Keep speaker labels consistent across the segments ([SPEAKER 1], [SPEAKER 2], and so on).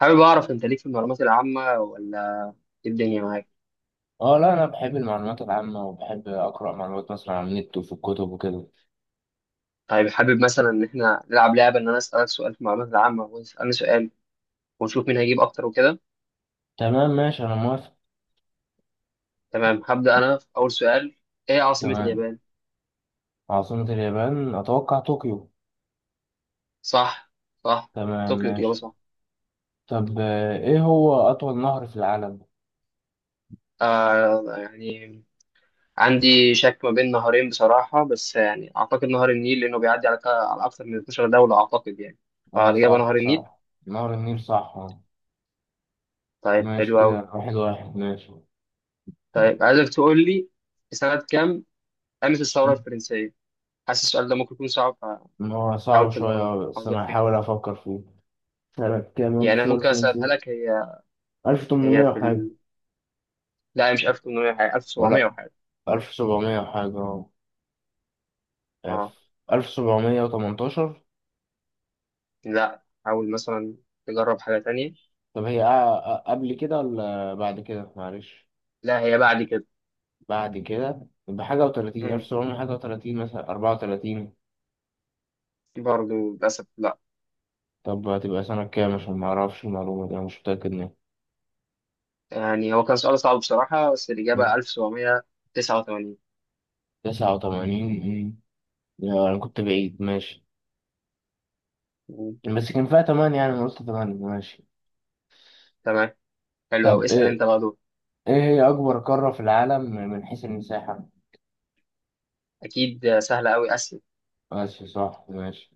[SPEAKER 1] حابب اعرف انت ليك في المعلومات العامه ولا ايه الدنيا معاك؟
[SPEAKER 2] اه، لا، انا بحب المعلومات العامة، وبحب اقرأ معلومات مثلا على النت وفي الكتب وكده.
[SPEAKER 1] طيب حابب مثلا ان احنا نلعب لعبه ان انا اسالك سؤال في المعلومات العامه وتسالني سؤال ونشوف مين هيجيب اكتر وكده.
[SPEAKER 2] تمام، ماشي، انا موافق.
[SPEAKER 1] تمام، هبدا انا في اول سؤال. ايه عاصمه
[SPEAKER 2] تمام.
[SPEAKER 1] اليابان؟
[SPEAKER 2] عاصمة اليابان اتوقع طوكيو.
[SPEAKER 1] صح صح،
[SPEAKER 2] تمام،
[SPEAKER 1] طوكيو الاجابه
[SPEAKER 2] ماشي.
[SPEAKER 1] صح.
[SPEAKER 2] طب ايه هو اطول نهر في العالم؟
[SPEAKER 1] يعني عندي شك ما بين نهرين بصراحه، بس يعني اعتقد نهر النيل لانه بيعدي على اكتر من 12 دوله اعتقد يعني.
[SPEAKER 2] اه،
[SPEAKER 1] فالاجابه نهر
[SPEAKER 2] صح
[SPEAKER 1] النيل.
[SPEAKER 2] صح. نهر النيل، صح، اه.
[SPEAKER 1] طيب،
[SPEAKER 2] ماشي
[SPEAKER 1] حلو قوي.
[SPEAKER 2] كده، واحد واحد، ماشي.
[SPEAKER 1] طيب عايزك تقول لي في سنه كام قامت الثوره الفرنسيه؟ حاسس السؤال ده ممكن يكون صعب،
[SPEAKER 2] هو صعب
[SPEAKER 1] فحاول تدرب
[SPEAKER 2] شوية، بس
[SPEAKER 1] حظك
[SPEAKER 2] انا هحاول
[SPEAKER 1] فيه.
[SPEAKER 2] افكر فيه. سنة كام
[SPEAKER 1] يعني انا
[SPEAKER 2] انتصار
[SPEAKER 1] ممكن اسالها
[SPEAKER 2] الفرنسي؟
[SPEAKER 1] لك هي. هي
[SPEAKER 2] 1800
[SPEAKER 1] في
[SPEAKER 2] وحاجة؟
[SPEAKER 1] ال... لا، هي مش 1800 حاجه، 1700
[SPEAKER 2] ولا
[SPEAKER 1] وحاجه.
[SPEAKER 2] 1700 وحاجة؟ اه، آه،
[SPEAKER 1] اه،
[SPEAKER 2] 1718.
[SPEAKER 1] لا حاول مثلا تجرب حاجه تانية.
[SPEAKER 2] طب هي قبل كده ولا بعد كده؟ معلش.
[SPEAKER 1] لا، هي بعد كده.
[SPEAKER 2] بعد كده، بحاجة وتلاتين، ألف
[SPEAKER 1] امم
[SPEAKER 2] سبعمية حاجة وتلاتين، مثلا 34.
[SPEAKER 1] برضه للاسف لا.
[SPEAKER 2] طب هتبقى سنة كام؟ عشان معرفش المعلومة دي، أنا مش متأكد منها.
[SPEAKER 1] يعني هو كان سؤال صعب بصراحه، بس الاجابه 1789.
[SPEAKER 2] 89. أنا كنت بعيد، ماشي.
[SPEAKER 1] مم.
[SPEAKER 2] بس كان فيها تمانية، يعني أنا قلت تمانية، ماشي.
[SPEAKER 1] تمام، حلو قوي.
[SPEAKER 2] طب
[SPEAKER 1] اسال انت
[SPEAKER 2] إيه
[SPEAKER 1] بقى دول.
[SPEAKER 2] إيه هي أكبر قارة في العالم من حيث المساحة؟
[SPEAKER 1] اكيد سهله قوي اسئله.
[SPEAKER 2] ماشي، صح، ماشي.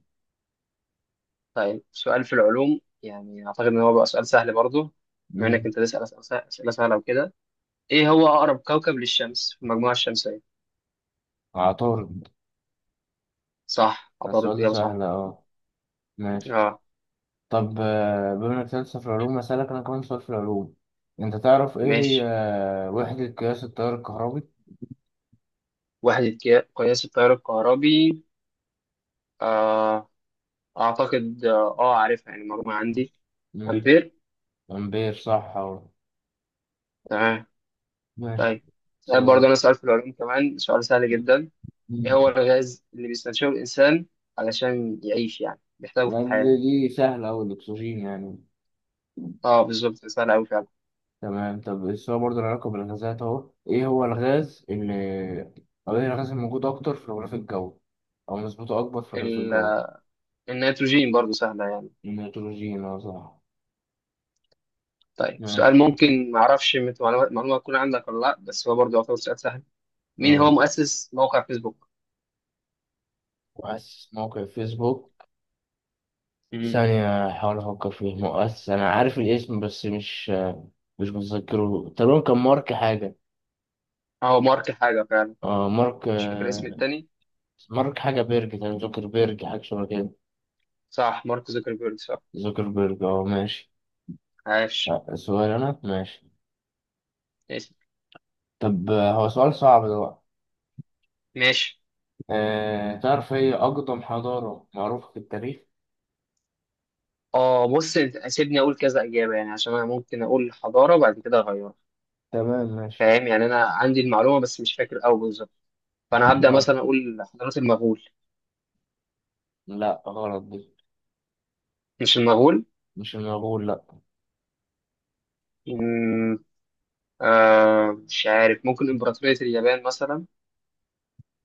[SPEAKER 1] طيب سؤال في العلوم، يعني اعتقد ان هو بقى سؤال سهل برضه. بما انك
[SPEAKER 2] مم.
[SPEAKER 1] انت تسال اسئله أسئلة سهله وكده، ايه هو اقرب كوكب للشمس في المجموعه الشمسيه؟
[SPEAKER 2] عطارد.
[SPEAKER 1] صح، عطارد
[SPEAKER 2] السؤال ده
[SPEAKER 1] اجابه
[SPEAKER 2] سهل،
[SPEAKER 1] صح.
[SPEAKER 2] أه. ماشي.
[SPEAKER 1] اه
[SPEAKER 2] طب بما انك لسه في العلوم، اسالك انا كمان سؤال في العلوم. انت تعرف ايه هي
[SPEAKER 1] ماشي.
[SPEAKER 2] وحدة قياس التيار الكهربي؟
[SPEAKER 1] قياس التيار الكهربي. آه اعتقد عارفها يعني المعلومه عندي.
[SPEAKER 2] مم.
[SPEAKER 1] امبير.
[SPEAKER 2] امبير، صح اهو.
[SPEAKER 1] تمام.
[SPEAKER 2] ماشي.
[SPEAKER 1] طيب سؤال
[SPEAKER 2] سؤال.
[SPEAKER 1] برضه، انا سؤال في العلوم كمان، سؤال سهل
[SPEAKER 2] دي
[SPEAKER 1] جدا. ايه هو الغاز اللي بيستنشقه الانسان علشان يعيش، يعني بيحتاجه في الحياه؟
[SPEAKER 2] دي سهلة أوي، الأكسجين يعني.
[SPEAKER 1] اه بالظبط، سهل قوي فعلا.
[SPEAKER 2] تمام. طب السؤال برضه له علاقة بالغازات أهو، إيه هو الغاز اللي أو إيه الغاز الموجود أكتر في الغلاف الجوي، أو نسبته أكبر في الغلاف الجوي؟
[SPEAKER 1] ال- النيتروجين، برضه سهله يعني.
[SPEAKER 2] النيتروجين، أه صح.
[SPEAKER 1] طيب
[SPEAKER 2] ماشي.
[SPEAKER 1] سؤال ممكن ما اعرفش، معلومة تكون عندك ولا لا، بس هو برضه يعتبر سؤال سهل. مين
[SPEAKER 2] أه،
[SPEAKER 1] هو مؤسس موقع فيسبوك؟
[SPEAKER 2] مؤسس موقع فيسبوك.
[SPEAKER 1] امم.
[SPEAKER 2] ثانية أحاول أفكر فيه. مؤسس، أنا عارف الاسم بس مش متذكره. تقريبا كان مارك حاجة.
[SPEAKER 1] هو مارك حاجة فعلا،
[SPEAKER 2] اه، مارك،
[SPEAKER 1] مش فاكر اسم التاني.
[SPEAKER 2] مارك حاجة بيرج تقريبا، زوكربيرج، حاجة شبه كده.
[SPEAKER 1] صح، مارك زوكربيرج صح.
[SPEAKER 2] زوكربيرج، اه، ماشي.
[SPEAKER 1] عاش.
[SPEAKER 2] سؤال أنا، ماشي.
[SPEAKER 1] ماشي
[SPEAKER 2] طب هو سؤال صعب ده بقى.
[SPEAKER 1] ماشي.
[SPEAKER 2] أه، تعرف هي أقدم حضارة معروفة في التاريخ؟
[SPEAKER 1] اه، بص سيبني اقول كذا اجابة يعني عشان انا ممكن اقول حضارة وبعد كده اغيرها.
[SPEAKER 2] تمام، ماشي.
[SPEAKER 1] فاهم، يعني انا عندي المعلومة بس مش فاكر قوي بالظبط. فانا هبدأ
[SPEAKER 2] لا،
[SPEAKER 1] مثلا اقول حضارة المغول.
[SPEAKER 2] لا، غلط دي.
[SPEAKER 1] مش المغول.
[SPEAKER 2] مش المغول، لا.
[SPEAKER 1] امم. آه مش عارف، ممكن امبراطورية اليابان مثلا.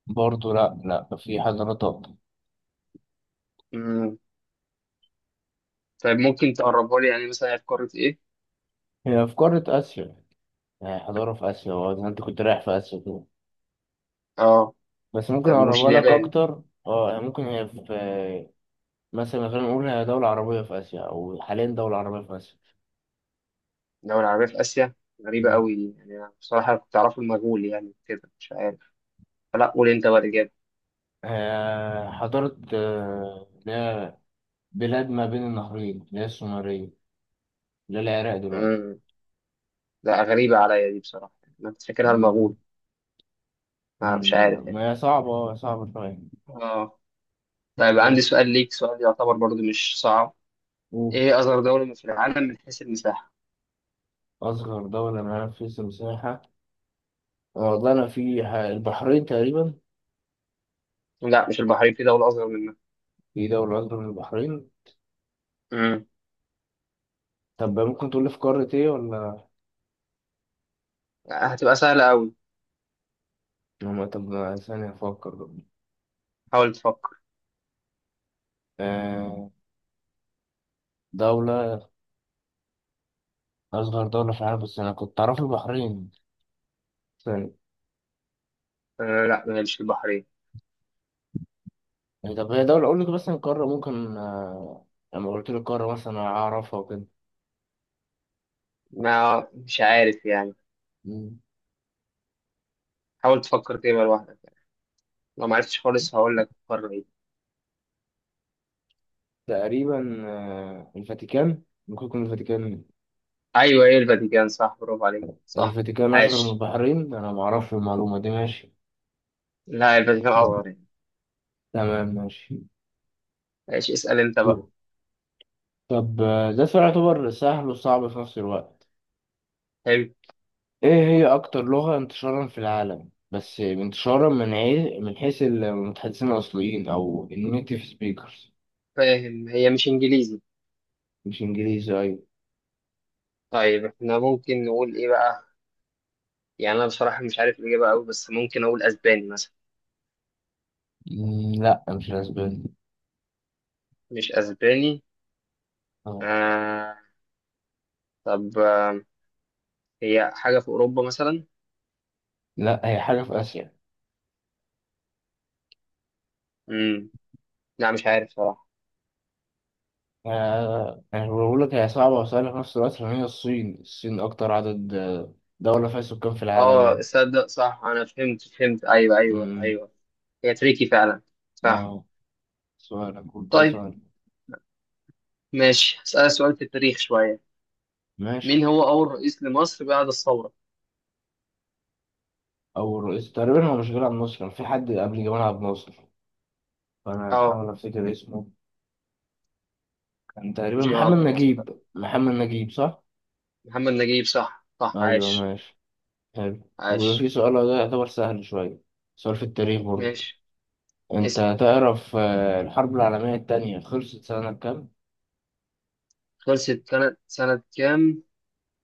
[SPEAKER 2] برضه لا، لا، في حضارات أقدم.
[SPEAKER 1] امم. طيب ممكن تقربها لي، يعني مثلا هي في قارة ايه؟
[SPEAKER 2] هي في قارة آسيا. يعني حضارة في آسيا، وأنت كنت رايح في آسيا كده.
[SPEAKER 1] اه.
[SPEAKER 2] بس ممكن
[SPEAKER 1] طب مش
[SPEAKER 2] اقربها لك
[SPEAKER 1] اليابان؟
[SPEAKER 2] اكتر، اه، يعني ممكن هي في، مثلا خلينا نقول هي دولة عربية في اسيا، او حاليا دولة عربية في اسيا.
[SPEAKER 1] دولة عربية في آسيا. غريبة
[SPEAKER 2] مم.
[SPEAKER 1] قوي دي يعني، أنا بصراحة كنت أعرفه المجهول، يعني كده مش عارف. فلا، قول أنت بقى الإجابة.
[SPEAKER 2] حضارة، اللي هي بلاد ما بين النهرين، اللي هي السومرية، اللي هي العراق دلوقتي.
[SPEAKER 1] امم. لا، غريبة عليا دي بصراحة يعني، أنا كنت فاكرها
[SPEAKER 2] مم.
[SPEAKER 1] المغول. ما مش عارف يعني.
[SPEAKER 2] ما هي صعبة، اه، صعبة شوية.
[SPEAKER 1] آه. طيب عندي
[SPEAKER 2] ماشي.
[SPEAKER 1] سؤال ليك، سؤال يعتبر برضو مش صعب.
[SPEAKER 2] أوه.
[SPEAKER 1] إيه أصغر دولة في العالم من حيث المساحة؟
[SPEAKER 2] أصغر دولة، منافسة مساحة. والله أنا في البحرين تقريبا.
[SPEAKER 1] لا، مش البحرين، في دولة أصغر منها.
[SPEAKER 2] في دولة أكبر من البحرين؟
[SPEAKER 1] امم.
[SPEAKER 2] طب ممكن تقول لي في قارة إيه ولا؟
[SPEAKER 1] هتبقى سهلة قوي.
[SPEAKER 2] ما طب، ثانية أفكر.
[SPEAKER 1] حاول تفكر.
[SPEAKER 2] آه. دولة أصغر دولة في العالم، بس أنا كنت أعرف البحرين. ثاني.
[SPEAKER 1] آه لا، ما هي مش البحرين.
[SPEAKER 2] يعني طب هي دولة، أقول لك مثلا قارة ممكن، لما قلت لك قارة مثلا أعرفها وكده.
[SPEAKER 1] ما مش عارف يعني.
[SPEAKER 2] مم.
[SPEAKER 1] حاول تفكر كده لوحدك، لو ما عرفتش خالص هقول لك قارة إيه.
[SPEAKER 2] تقريبا الفاتيكان. ممكن يكون الفاتيكان.
[SPEAKER 1] ايوه ايه الفاتيكان صح، برافو عليك صح.
[SPEAKER 2] الفاتيكان أصغر من
[SPEAKER 1] عاش.
[SPEAKER 2] البحرين؟ أنا معرفش المعلومة دي، ماشي.
[SPEAKER 1] لا، الفاتيكان
[SPEAKER 2] مم.
[SPEAKER 1] اصغر يعني.
[SPEAKER 2] تمام، ماشي.
[SPEAKER 1] عاش. اسال انت
[SPEAKER 2] دول.
[SPEAKER 1] بقى.
[SPEAKER 2] طب ده سؤال يعتبر سهل وصعب في نفس الوقت.
[SPEAKER 1] حلو.
[SPEAKER 2] إيه هي أكتر لغة انتشارا في العالم؟ بس انتشارا من حيث المتحدثين الأصليين أو النيتيف سبيكرز.
[SPEAKER 1] فاهم، هي مش انجليزي.
[SPEAKER 2] مش انجليزي، ايوه.
[SPEAKER 1] طيب احنا ممكن نقول ايه بقى؟ يعني انا بصراحه مش عارف الاجابه قوي، بس ممكن اقول اسباني مثلا.
[SPEAKER 2] لا، مش الاسباني.
[SPEAKER 1] مش اسباني.
[SPEAKER 2] اه.
[SPEAKER 1] آه طب آه هي حاجه في اوروبا مثلا؟
[SPEAKER 2] لا، هي حاجة في آسيا.
[SPEAKER 1] امم. لا، مش عارف صراحه.
[SPEAKER 2] أنا بقول لك هي صعبة وسهلة في نفس الوقت، لأن هي الصين. الصين أكتر عدد دولة فيها سكان في العالم
[SPEAKER 1] اه
[SPEAKER 2] يعني.
[SPEAKER 1] صدق صح، انا فهمت فهمت، ايوه ايوه
[SPEAKER 2] أمم،
[SPEAKER 1] ايوه. هي تريكي فعلا. صح.
[SPEAKER 2] اه، سؤال، أقول كده
[SPEAKER 1] طيب
[SPEAKER 2] سؤال.
[SPEAKER 1] ماشي، اسالك سؤال في التاريخ شويه.
[SPEAKER 2] ماشي.
[SPEAKER 1] مين هو أول رئيس لمصر بعد الثورة؟
[SPEAKER 2] أول رئيس تقريبا، هو مش جمال عبد الناصر؟ كان في حد قبل جمال عبد الناصر، فأنا
[SPEAKER 1] أه.
[SPEAKER 2] هحاول أفتكر اسمه. كان تقريبا
[SPEAKER 1] مش جمال
[SPEAKER 2] محمد
[SPEAKER 1] عبد الناصر لأ.
[SPEAKER 2] نجيب، محمد نجيب صح؟
[SPEAKER 1] محمد نجيب صح صح.
[SPEAKER 2] أيوه،
[SPEAKER 1] عاش
[SPEAKER 2] ماشي. حلو. وفي
[SPEAKER 1] عاش.
[SPEAKER 2] سؤال ده يعتبر سهل شوية، سؤال في التاريخ برضه.
[SPEAKER 1] ماشي. اسأل.
[SPEAKER 2] انت تعرف الحرب العالمية التانية خلصت سنة كام؟
[SPEAKER 1] خلصت سنة كام؟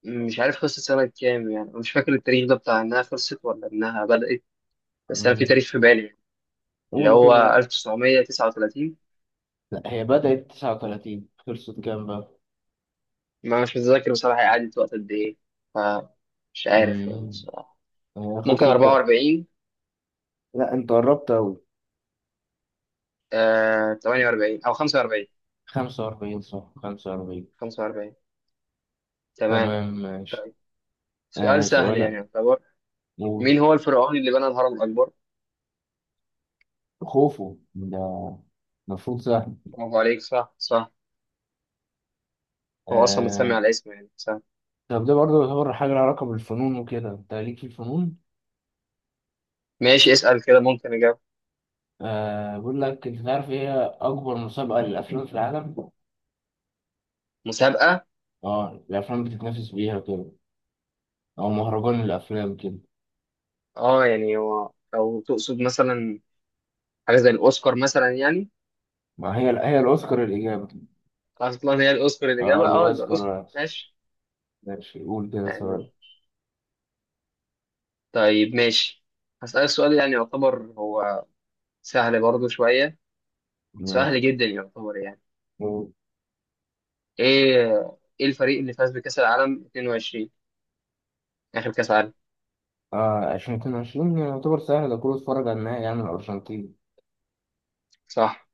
[SPEAKER 1] مش عارف خلصت سنة كام، يعني مش فاكر التاريخ ده بتاع إنها خلصت ولا إنها بدأت. بس أنا في
[SPEAKER 2] مم.
[SPEAKER 1] تاريخ في بالي يعني، اللي
[SPEAKER 2] قولوا
[SPEAKER 1] هو
[SPEAKER 2] كده بقى.
[SPEAKER 1] 1939.
[SPEAKER 2] لا، هي بدأت 39، خلصت كام بقى؟
[SPEAKER 1] ما مش متذكر بصراحة هي قعدت وقت قد إيه، فمش عارف يعني
[SPEAKER 2] مم.
[SPEAKER 1] بصراحة.
[SPEAKER 2] هي
[SPEAKER 1] ممكن
[SPEAKER 2] خلصت ده.
[SPEAKER 1] 44.
[SPEAKER 2] لا، انت قربت أوي.
[SPEAKER 1] آه 48 أو 45.
[SPEAKER 2] 45، صح، 45.
[SPEAKER 1] 45. تمام.
[SPEAKER 2] تمام، ماشي.
[SPEAKER 1] طيب سؤال
[SPEAKER 2] آه،
[SPEAKER 1] سهل يعني
[SPEAKER 2] سؤالك،
[SPEAKER 1] يعتبر.
[SPEAKER 2] قول.
[SPEAKER 1] مين هو الفرعون اللي بنى الهرم الأكبر؟
[SPEAKER 2] خوفه ده، المفروض سهل.
[SPEAKER 1] برافو عليك صح صح. هو أصلا متسمي
[SPEAKER 2] آه.
[SPEAKER 1] على اسمه يعني، صح.
[SPEAKER 2] طب ده برضه يعتبر حاجة لها علاقة بالفنون وكده، انت ليك في الفنون؟
[SPEAKER 1] ماشي، اسأل كده ممكن أجاوب.
[SPEAKER 2] آه، بقول لك، انت تعرف ايه هي أكبر مسابقة للأفلام في العالم؟
[SPEAKER 1] مسابقة؟
[SPEAKER 2] اه، الأفلام بتتنافس بيها وكده، او مهرجان الافلام كده.
[SPEAKER 1] أه يعني هو لو تقصد مثلا حاجة زي الأوسكار مثلا يعني.
[SPEAKER 2] ما هي الاوسكار الاجابه.
[SPEAKER 1] أصلا هي الأوسكار
[SPEAKER 2] اه،
[SPEAKER 1] الإجابة، أه يبقى الأوسكار
[SPEAKER 2] الاوسكار،
[SPEAKER 1] ماشي.
[SPEAKER 2] ماشي، قول كده سؤال.
[SPEAKER 1] يعني. طيب ماشي، هسألك سؤال يعني يعتبر هو سهل برضه شوية، سهل
[SPEAKER 2] ماشي،
[SPEAKER 1] جدا يعتبر يعني.
[SPEAKER 2] قول.
[SPEAKER 1] إيه إيه الفريق اللي فاز بكأس العالم 22، آخر كأس عالم؟
[SPEAKER 2] اه، 2022 يعتبر سهل ده، كله اتفرج على النهائي، يعني الارجنتين.
[SPEAKER 1] صح.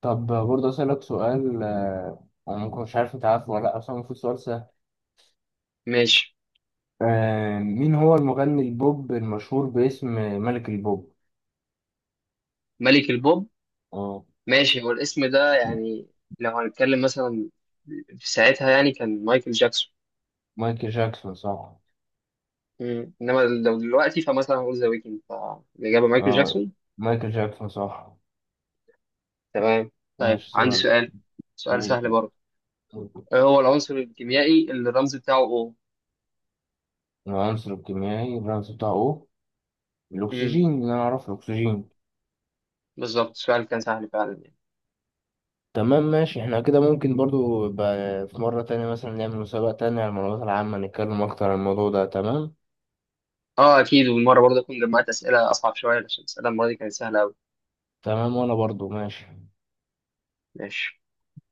[SPEAKER 2] طب برضه اسالك سؤال، انا ممكن مش عارف انت عارفه ولا لا، بس هو المفروض سؤال سهل.
[SPEAKER 1] ماشي.
[SPEAKER 2] مين هو المغني البوب المشهور باسم ملك البوب؟
[SPEAKER 1] ملك البوب.
[SPEAKER 2] اه،
[SPEAKER 1] ماشي، هو الاسم ده يعني لو هنتكلم مثلا في ساعتها يعني كان مايكل جاكسون.
[SPEAKER 2] مايكل جاكسون صح.
[SPEAKER 1] انما لو دلوقتي فمثلا هقول ذا ويكند، فالاجابه مايكل
[SPEAKER 2] اه،
[SPEAKER 1] جاكسون.
[SPEAKER 2] مايكل جاكسون صح.
[SPEAKER 1] تمام. طيب
[SPEAKER 2] ماشي،
[SPEAKER 1] عندي
[SPEAKER 2] سؤال،
[SPEAKER 1] سؤال، سؤال
[SPEAKER 2] قول.
[SPEAKER 1] سهل برضه. ايه هو العنصر الكيميائي اللي الرمز بتاعه O؟
[SPEAKER 2] العنصر الكيميائي الرمز بتاعه O؟
[SPEAKER 1] امم،
[SPEAKER 2] الاكسجين، اللي انا اعرفه الاكسجين.
[SPEAKER 1] بالظبط السؤال كان سهل فعلا يعني.
[SPEAKER 2] تمام، ماشي. احنا كده ممكن برضو يبقى في مرة تانية مثلا نعمل مسابقة تانية على المعلومات العامة، نتكلم اكتر عن الموضوع ده، تمام.
[SPEAKER 1] اه اكيد، والمره برضه اكون جمعت اسئله اصعب شويه، عشان الاسئله المره دي كانت سهله قوي.
[SPEAKER 2] تمام، وانا برضو ماشي.
[SPEAKER 1] ماشي.